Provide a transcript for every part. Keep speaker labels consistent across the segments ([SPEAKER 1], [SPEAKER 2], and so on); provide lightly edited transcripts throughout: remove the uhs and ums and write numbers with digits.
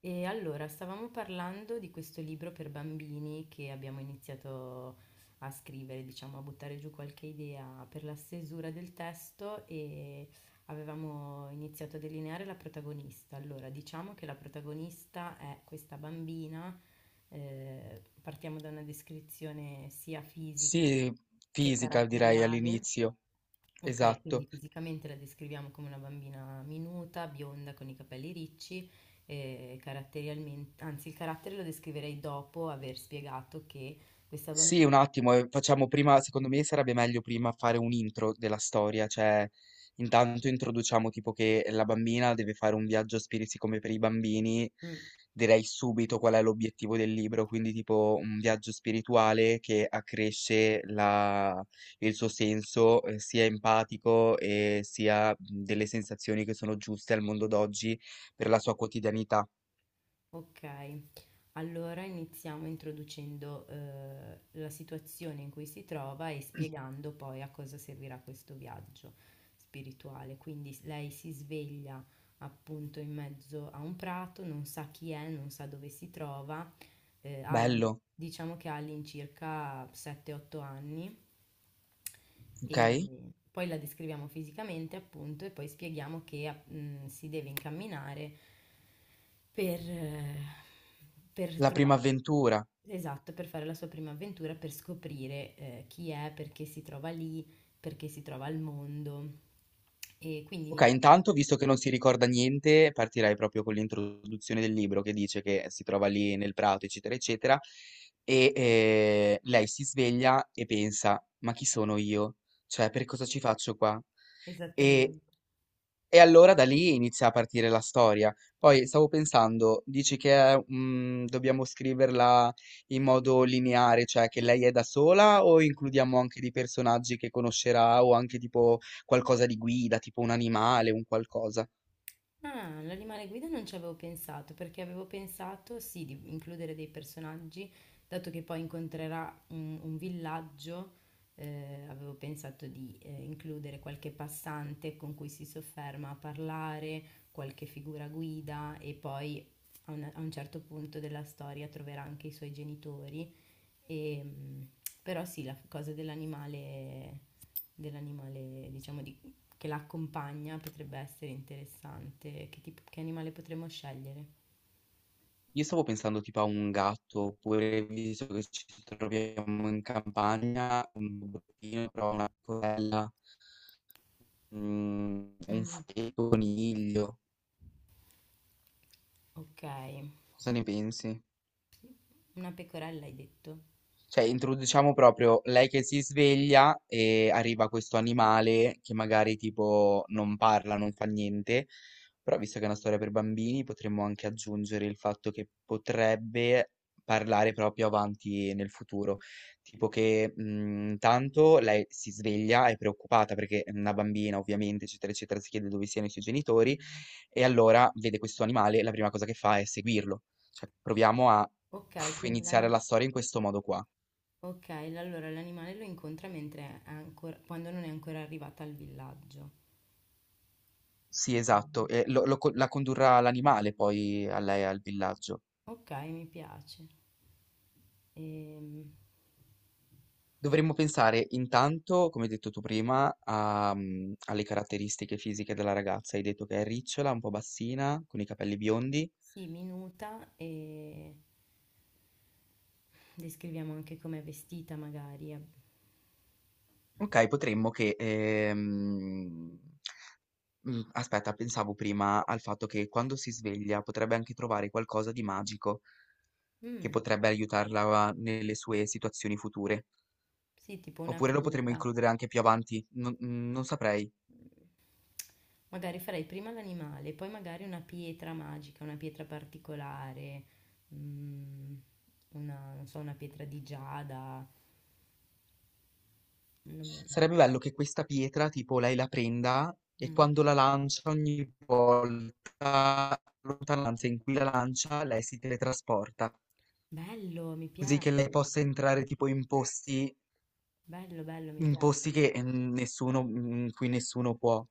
[SPEAKER 1] E allora, stavamo parlando di questo libro per bambini che abbiamo iniziato a scrivere, diciamo, a buttare giù qualche idea per la stesura del testo e avevamo iniziato a delineare la protagonista. Allora, diciamo che la protagonista è questa bambina, partiamo da una descrizione sia fisica
[SPEAKER 2] Sì,
[SPEAKER 1] che
[SPEAKER 2] fisica direi
[SPEAKER 1] caratteriale.
[SPEAKER 2] all'inizio,
[SPEAKER 1] Ok, quindi
[SPEAKER 2] esatto.
[SPEAKER 1] fisicamente la descriviamo come una bambina minuta, bionda, con i capelli ricci, e caratterialmente, anzi il carattere lo descriverei dopo aver spiegato che questa bambina...
[SPEAKER 2] Sì, un attimo, facciamo prima, secondo me sarebbe meglio prima fare un intro della storia, cioè intanto introduciamo tipo che la bambina deve fare un viaggio a spiriti come per i bambini,
[SPEAKER 1] Mm,
[SPEAKER 2] direi subito qual è l'obiettivo del libro, quindi tipo un viaggio spirituale che accresce il suo senso sia empatico e sia delle sensazioni che sono giuste al mondo d'oggi per la sua quotidianità.
[SPEAKER 1] ok, allora iniziamo introducendo la situazione in cui si trova e spiegando poi a cosa servirà questo viaggio spirituale. Quindi lei si sveglia appunto in mezzo a un prato, non sa chi è, non sa dove si trova eh, ha-
[SPEAKER 2] Bello.
[SPEAKER 1] diciamo che ha all'incirca 7-8 anni
[SPEAKER 2] Ok,
[SPEAKER 1] e poi la descriviamo fisicamente appunto e poi spieghiamo che si deve incamminare per, eh, per
[SPEAKER 2] la
[SPEAKER 1] trovare,
[SPEAKER 2] prima avventura.
[SPEAKER 1] esatto, per fare la sua prima avventura, per scoprire chi è, perché si trova lì, perché si trova al mondo. E quindi,
[SPEAKER 2] Ok, intanto, visto che non si ricorda niente, partirei proprio con l'introduzione del libro che dice che si trova lì nel prato, eccetera, eccetera, e lei si sveglia e pensa, ma chi sono io? Cioè, per cosa ci faccio qua? E
[SPEAKER 1] esattamente.
[SPEAKER 2] E allora da lì inizia a partire la storia. Poi stavo pensando, dici che è, dobbiamo scriverla in modo lineare, cioè che lei è da sola o includiamo anche dei personaggi che conoscerà o anche tipo qualcosa di guida, tipo un animale, un qualcosa.
[SPEAKER 1] Ah, l'animale guida non ci avevo pensato, perché avevo pensato sì di includere dei personaggi, dato che poi incontrerà un villaggio, avevo pensato di includere qualche passante con cui si sofferma a parlare, qualche figura guida e poi a un certo punto della storia troverà anche i suoi genitori. E, mm, però sì, la cosa dell'animale, dell'animale, diciamo, di che la accompagna potrebbe essere interessante. Che, tipo, che animale potremmo scegliere?
[SPEAKER 2] Io stavo pensando tipo a un gatto, oppure visto che ci troviamo in campagna, un bottino, però una corella, un
[SPEAKER 1] Mm,
[SPEAKER 2] fuoco, coniglio.
[SPEAKER 1] ok,
[SPEAKER 2] Cosa ne pensi?
[SPEAKER 1] una pecorella hai detto.
[SPEAKER 2] Cioè, introduciamo proprio lei che si sveglia e arriva questo animale che magari tipo non parla, non fa niente, però visto che è una storia per bambini, potremmo anche aggiungere il fatto che potrebbe parlare proprio avanti nel futuro, tipo che intanto lei si sveglia, è preoccupata perché è una bambina ovviamente, eccetera, eccetera, si chiede dove siano i suoi genitori e allora vede questo animale, e la prima cosa che fa è seguirlo. Cioè, proviamo a
[SPEAKER 1] Ok, quindi
[SPEAKER 2] iniziare
[SPEAKER 1] l'ani-
[SPEAKER 2] la storia in questo modo qua.
[SPEAKER 1] ok, allora l'animale lo incontra mentre è ancora, quando non è ancora arrivata al villaggio.
[SPEAKER 2] Sì, esatto, e la condurrà l'animale poi a lei al villaggio.
[SPEAKER 1] Ok, mi piace. Ehm,
[SPEAKER 2] Dovremmo pensare intanto, come hai detto tu prima, a, alle caratteristiche fisiche della ragazza. Hai detto che è ricciola, un po' bassina, con i capelli biondi.
[SPEAKER 1] sì, minuta e descriviamo anche com'è vestita magari.
[SPEAKER 2] Ok, potremmo che... Aspetta, pensavo prima al fatto che quando si sveglia potrebbe anche trovare qualcosa di magico che
[SPEAKER 1] Mm,
[SPEAKER 2] potrebbe aiutarla nelle sue situazioni future.
[SPEAKER 1] sì, tipo una
[SPEAKER 2] Oppure lo potremmo
[SPEAKER 1] pietra.
[SPEAKER 2] includere anche più avanti, non saprei.
[SPEAKER 1] Magari farei prima l'animale, poi magari una pietra magica, una pietra particolare, mm, una, non so, una pietra di giada. Mm.
[SPEAKER 2] Sarebbe bello che questa pietra, tipo, lei la prenda e
[SPEAKER 1] Mm.
[SPEAKER 2] quando la lancia, ogni volta, la lontananza in cui la lancia, lei si teletrasporta,
[SPEAKER 1] Bello, mi
[SPEAKER 2] così che lei
[SPEAKER 1] piace.
[SPEAKER 2] possa entrare tipo
[SPEAKER 1] Bello, bello, mi
[SPEAKER 2] in
[SPEAKER 1] piace,
[SPEAKER 2] posti
[SPEAKER 1] mi
[SPEAKER 2] che
[SPEAKER 1] piace.
[SPEAKER 2] nessuno, in cui nessuno può.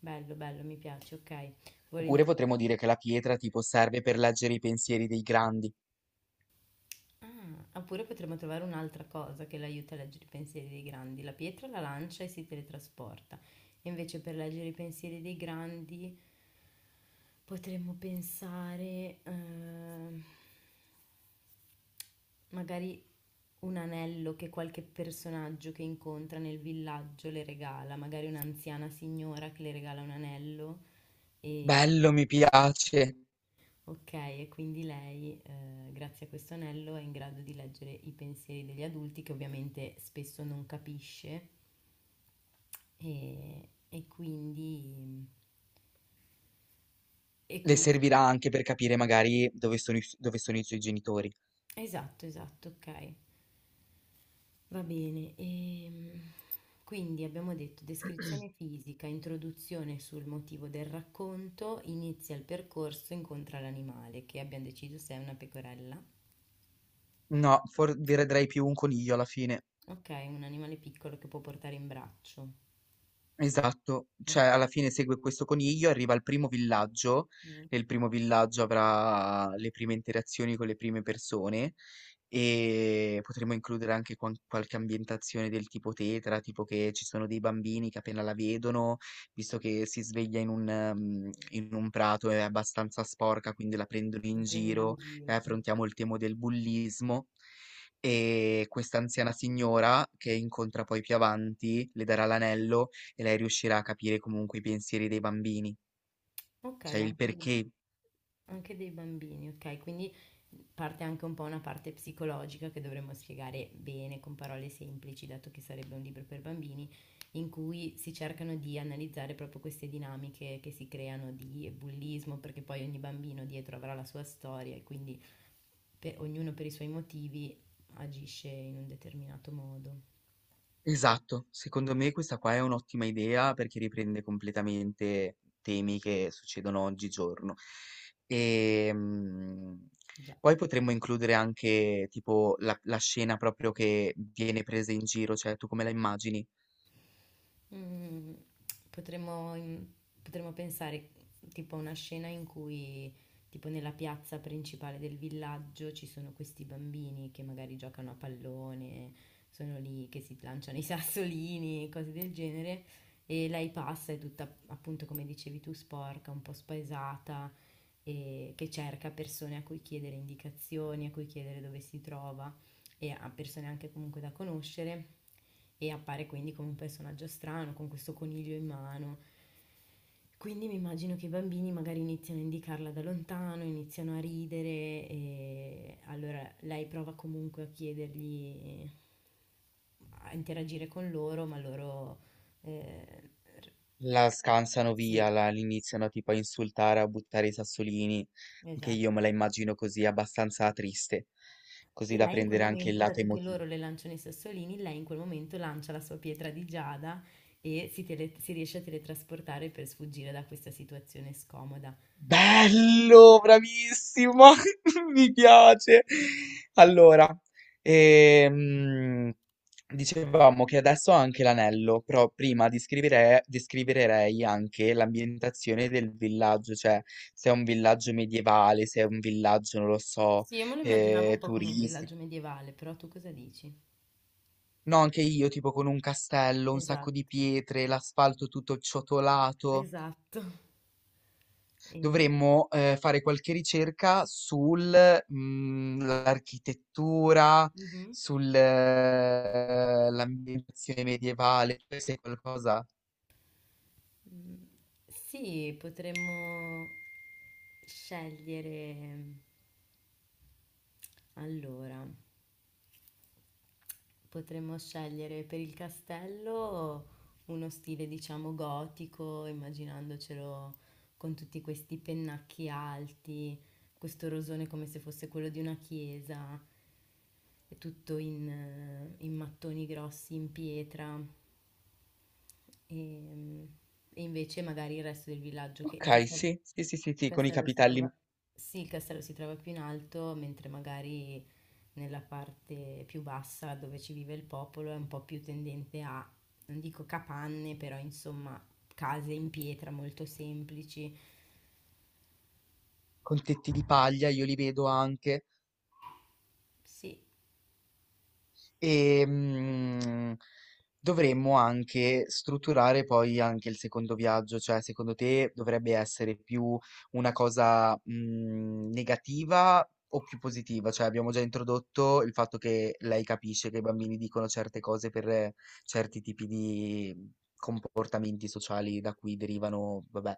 [SPEAKER 1] Bello, bello, mi piace, ok.
[SPEAKER 2] Oppure
[SPEAKER 1] Volentieri.
[SPEAKER 2] potremmo dire che la pietra tipo serve per leggere i pensieri dei grandi.
[SPEAKER 1] Ah, oppure potremmo trovare un'altra cosa che l'aiuta a leggere i pensieri dei grandi. La pietra la lancia e si teletrasporta. Invece per leggere i pensieri dei grandi potremmo pensare... magari un anello che qualche personaggio che incontra nel villaggio le regala, magari un'anziana signora che le regala un anello e
[SPEAKER 2] Bello, mi piace.
[SPEAKER 1] ok, e quindi lei grazie a questo anello è in grado di leggere i pensieri degli adulti che ovviamente spesso non capisce e quindi... E
[SPEAKER 2] Le
[SPEAKER 1] quindi...
[SPEAKER 2] servirà anche per capire magari dove sono i suoi genitori.
[SPEAKER 1] Esatto, esatto, ok. Va bene, quindi abbiamo detto descrizione fisica, introduzione sul motivo del racconto, inizia il percorso, incontra l'animale, che abbiamo deciso se è una pecorella.
[SPEAKER 2] No, vedrei più un coniglio alla fine.
[SPEAKER 1] Ok, un animale piccolo che può portare in braccio.
[SPEAKER 2] Esatto, cioè
[SPEAKER 1] Ok,
[SPEAKER 2] alla fine segue questo coniglio, arriva al primo villaggio,
[SPEAKER 1] mm.
[SPEAKER 2] nel primo villaggio avrà le prime interazioni con le prime persone e potremo includere anche qualche ambientazione del tipo tetra, tipo che ci sono dei bambini che appena la vedono, visto che si sveglia in un prato è abbastanza sporca, quindi la prendono
[SPEAKER 1] Lo
[SPEAKER 2] in
[SPEAKER 1] prendono in
[SPEAKER 2] giro e
[SPEAKER 1] giro. Mm.
[SPEAKER 2] affrontiamo il tema del bullismo. E questa anziana signora che incontra poi più avanti le darà l'anello e lei riuscirà a capire comunque i pensieri dei bambini,
[SPEAKER 1] Ok,
[SPEAKER 2] cioè il
[SPEAKER 1] anche del...
[SPEAKER 2] perché.
[SPEAKER 1] Anche dei bambini, okay, quindi parte anche un po' una parte psicologica che dovremmo spiegare bene con parole semplici, dato che sarebbe un libro per bambini, in cui si cercano di analizzare proprio queste dinamiche che si creano di bullismo, perché poi ogni bambino dietro avrà la sua storia e quindi ognuno per i suoi motivi agisce in un determinato modo.
[SPEAKER 2] Esatto, secondo me questa qua è un'ottima idea perché riprende completamente temi che succedono oggigiorno. E
[SPEAKER 1] Già.
[SPEAKER 2] poi potremmo includere anche tipo la scena proprio che viene presa in giro, cioè tu come la immagini?
[SPEAKER 1] Mm, mm, potremmo pensare tipo a una scena in cui, tipo nella piazza principale del villaggio, ci sono questi bambini che magari giocano a pallone, sono lì che si lanciano i sassolini, cose del genere, e lei passa, è tutta appunto come dicevi tu, sporca, un po' spaesata, e che cerca persone a cui chiedere indicazioni, a cui chiedere dove si trova e a persone anche comunque da conoscere e appare quindi come un personaggio strano con questo coniglio in mano. Quindi mi immagino che i bambini magari iniziano a indicarla da lontano, iniziano a ridere e allora lei prova comunque a chiedergli, a interagire con loro, ma loro... eh, r-
[SPEAKER 2] La scansano via,
[SPEAKER 1] sì,
[SPEAKER 2] l'iniziano tipo a insultare, a buttare i sassolini. Anche io
[SPEAKER 1] esatto.
[SPEAKER 2] me la immagino così, abbastanza triste, così
[SPEAKER 1] E
[SPEAKER 2] da
[SPEAKER 1] lei in quel
[SPEAKER 2] prendere anche il
[SPEAKER 1] momento,
[SPEAKER 2] lato
[SPEAKER 1] dato che
[SPEAKER 2] emotivo.
[SPEAKER 1] loro le lanciano i sassolini, lei in quel momento lancia la sua pietra di giada e si riesce a teletrasportare per sfuggire da questa situazione scomoda.
[SPEAKER 2] Bello, bravissimo, mi piace. Allora, ehm, dicevamo che adesso ho anche l'anello, però prima descriverei anche l'ambientazione del villaggio, cioè se è un villaggio medievale, se è un villaggio, non lo so,
[SPEAKER 1] Sì, io me lo immaginavo un po' come un
[SPEAKER 2] turistico.
[SPEAKER 1] villaggio medievale, però tu cosa dici?
[SPEAKER 2] No, anche io, tipo con un castello, un sacco di
[SPEAKER 1] Esatto,
[SPEAKER 2] pietre, l'asfalto tutto ciotolato.
[SPEAKER 1] esatto. E-
[SPEAKER 2] Dovremmo fare qualche ricerca sull'architettura,
[SPEAKER 1] Mhm.
[SPEAKER 2] sull'ambientazione medievale, se è qualcosa.
[SPEAKER 1] Mm, sì, potremmo scegliere allora. Potremmo scegliere per il castello uno stile, diciamo, gotico, immaginandocelo con tutti questi pennacchi alti, questo rosone come se fosse quello di una chiesa, e tutto in mattoni grossi, in pietra. E, e invece magari il resto del villaggio, che
[SPEAKER 2] Ok,
[SPEAKER 1] il castello...
[SPEAKER 2] sì, sì, sì, sì,
[SPEAKER 1] Il
[SPEAKER 2] sì, con i
[SPEAKER 1] castello si
[SPEAKER 2] capitelli,
[SPEAKER 1] trova... Sì, il castello si trova più in alto, mentre magari nella parte più bassa dove ci vive il popolo è un po' più tendente a, non dico capanne, però insomma case in pietra molto semplici.
[SPEAKER 2] con tetti di paglia, io li vedo anche.
[SPEAKER 1] Sì,
[SPEAKER 2] E dovremmo anche strutturare poi anche il secondo viaggio, cioè secondo te dovrebbe essere più una cosa negativa o più positiva? Cioè abbiamo già introdotto il fatto che lei capisce che i bambini dicono certe cose per certi tipi di comportamenti sociali da cui derivano, vabbè,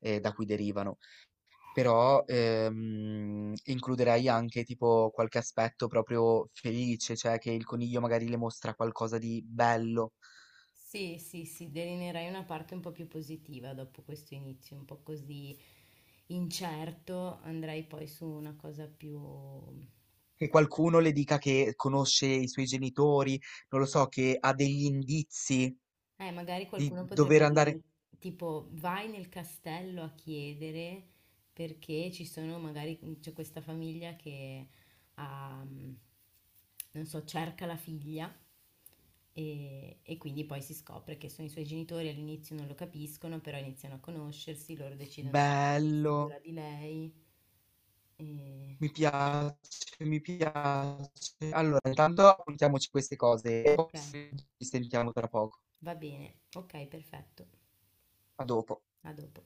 [SPEAKER 2] da cui derivano. Però, includerei anche tipo qualche aspetto proprio felice, cioè che il coniglio magari le mostra qualcosa di bello,
[SPEAKER 1] sì, sì, sì, delineerai una parte un po' più positiva dopo questo inizio, un po' così incerto, andrai poi su una cosa più...
[SPEAKER 2] che qualcuno le dica che conosce i suoi genitori, non lo so, che ha degli indizi
[SPEAKER 1] Magari
[SPEAKER 2] di
[SPEAKER 1] qualcuno
[SPEAKER 2] dover
[SPEAKER 1] potrebbe
[SPEAKER 2] andare.
[SPEAKER 1] dirgli, tipo, vai nel castello a chiedere perché ci sono, magari c'è questa famiglia che ha, mm, non so, cerca la figlia e quindi poi si scopre che sono i suoi genitori, all'inizio non lo capiscono, però iniziano a conoscersi, loro decidono di prendersi
[SPEAKER 2] Bello,
[SPEAKER 1] cura di lei. E...
[SPEAKER 2] mi piace, mi piace. Allora, intanto appuntiamoci queste cose e poi
[SPEAKER 1] Ok,
[SPEAKER 2] ci sentiamo tra poco.
[SPEAKER 1] va bene, ok, perfetto,
[SPEAKER 2] A dopo.
[SPEAKER 1] a dopo.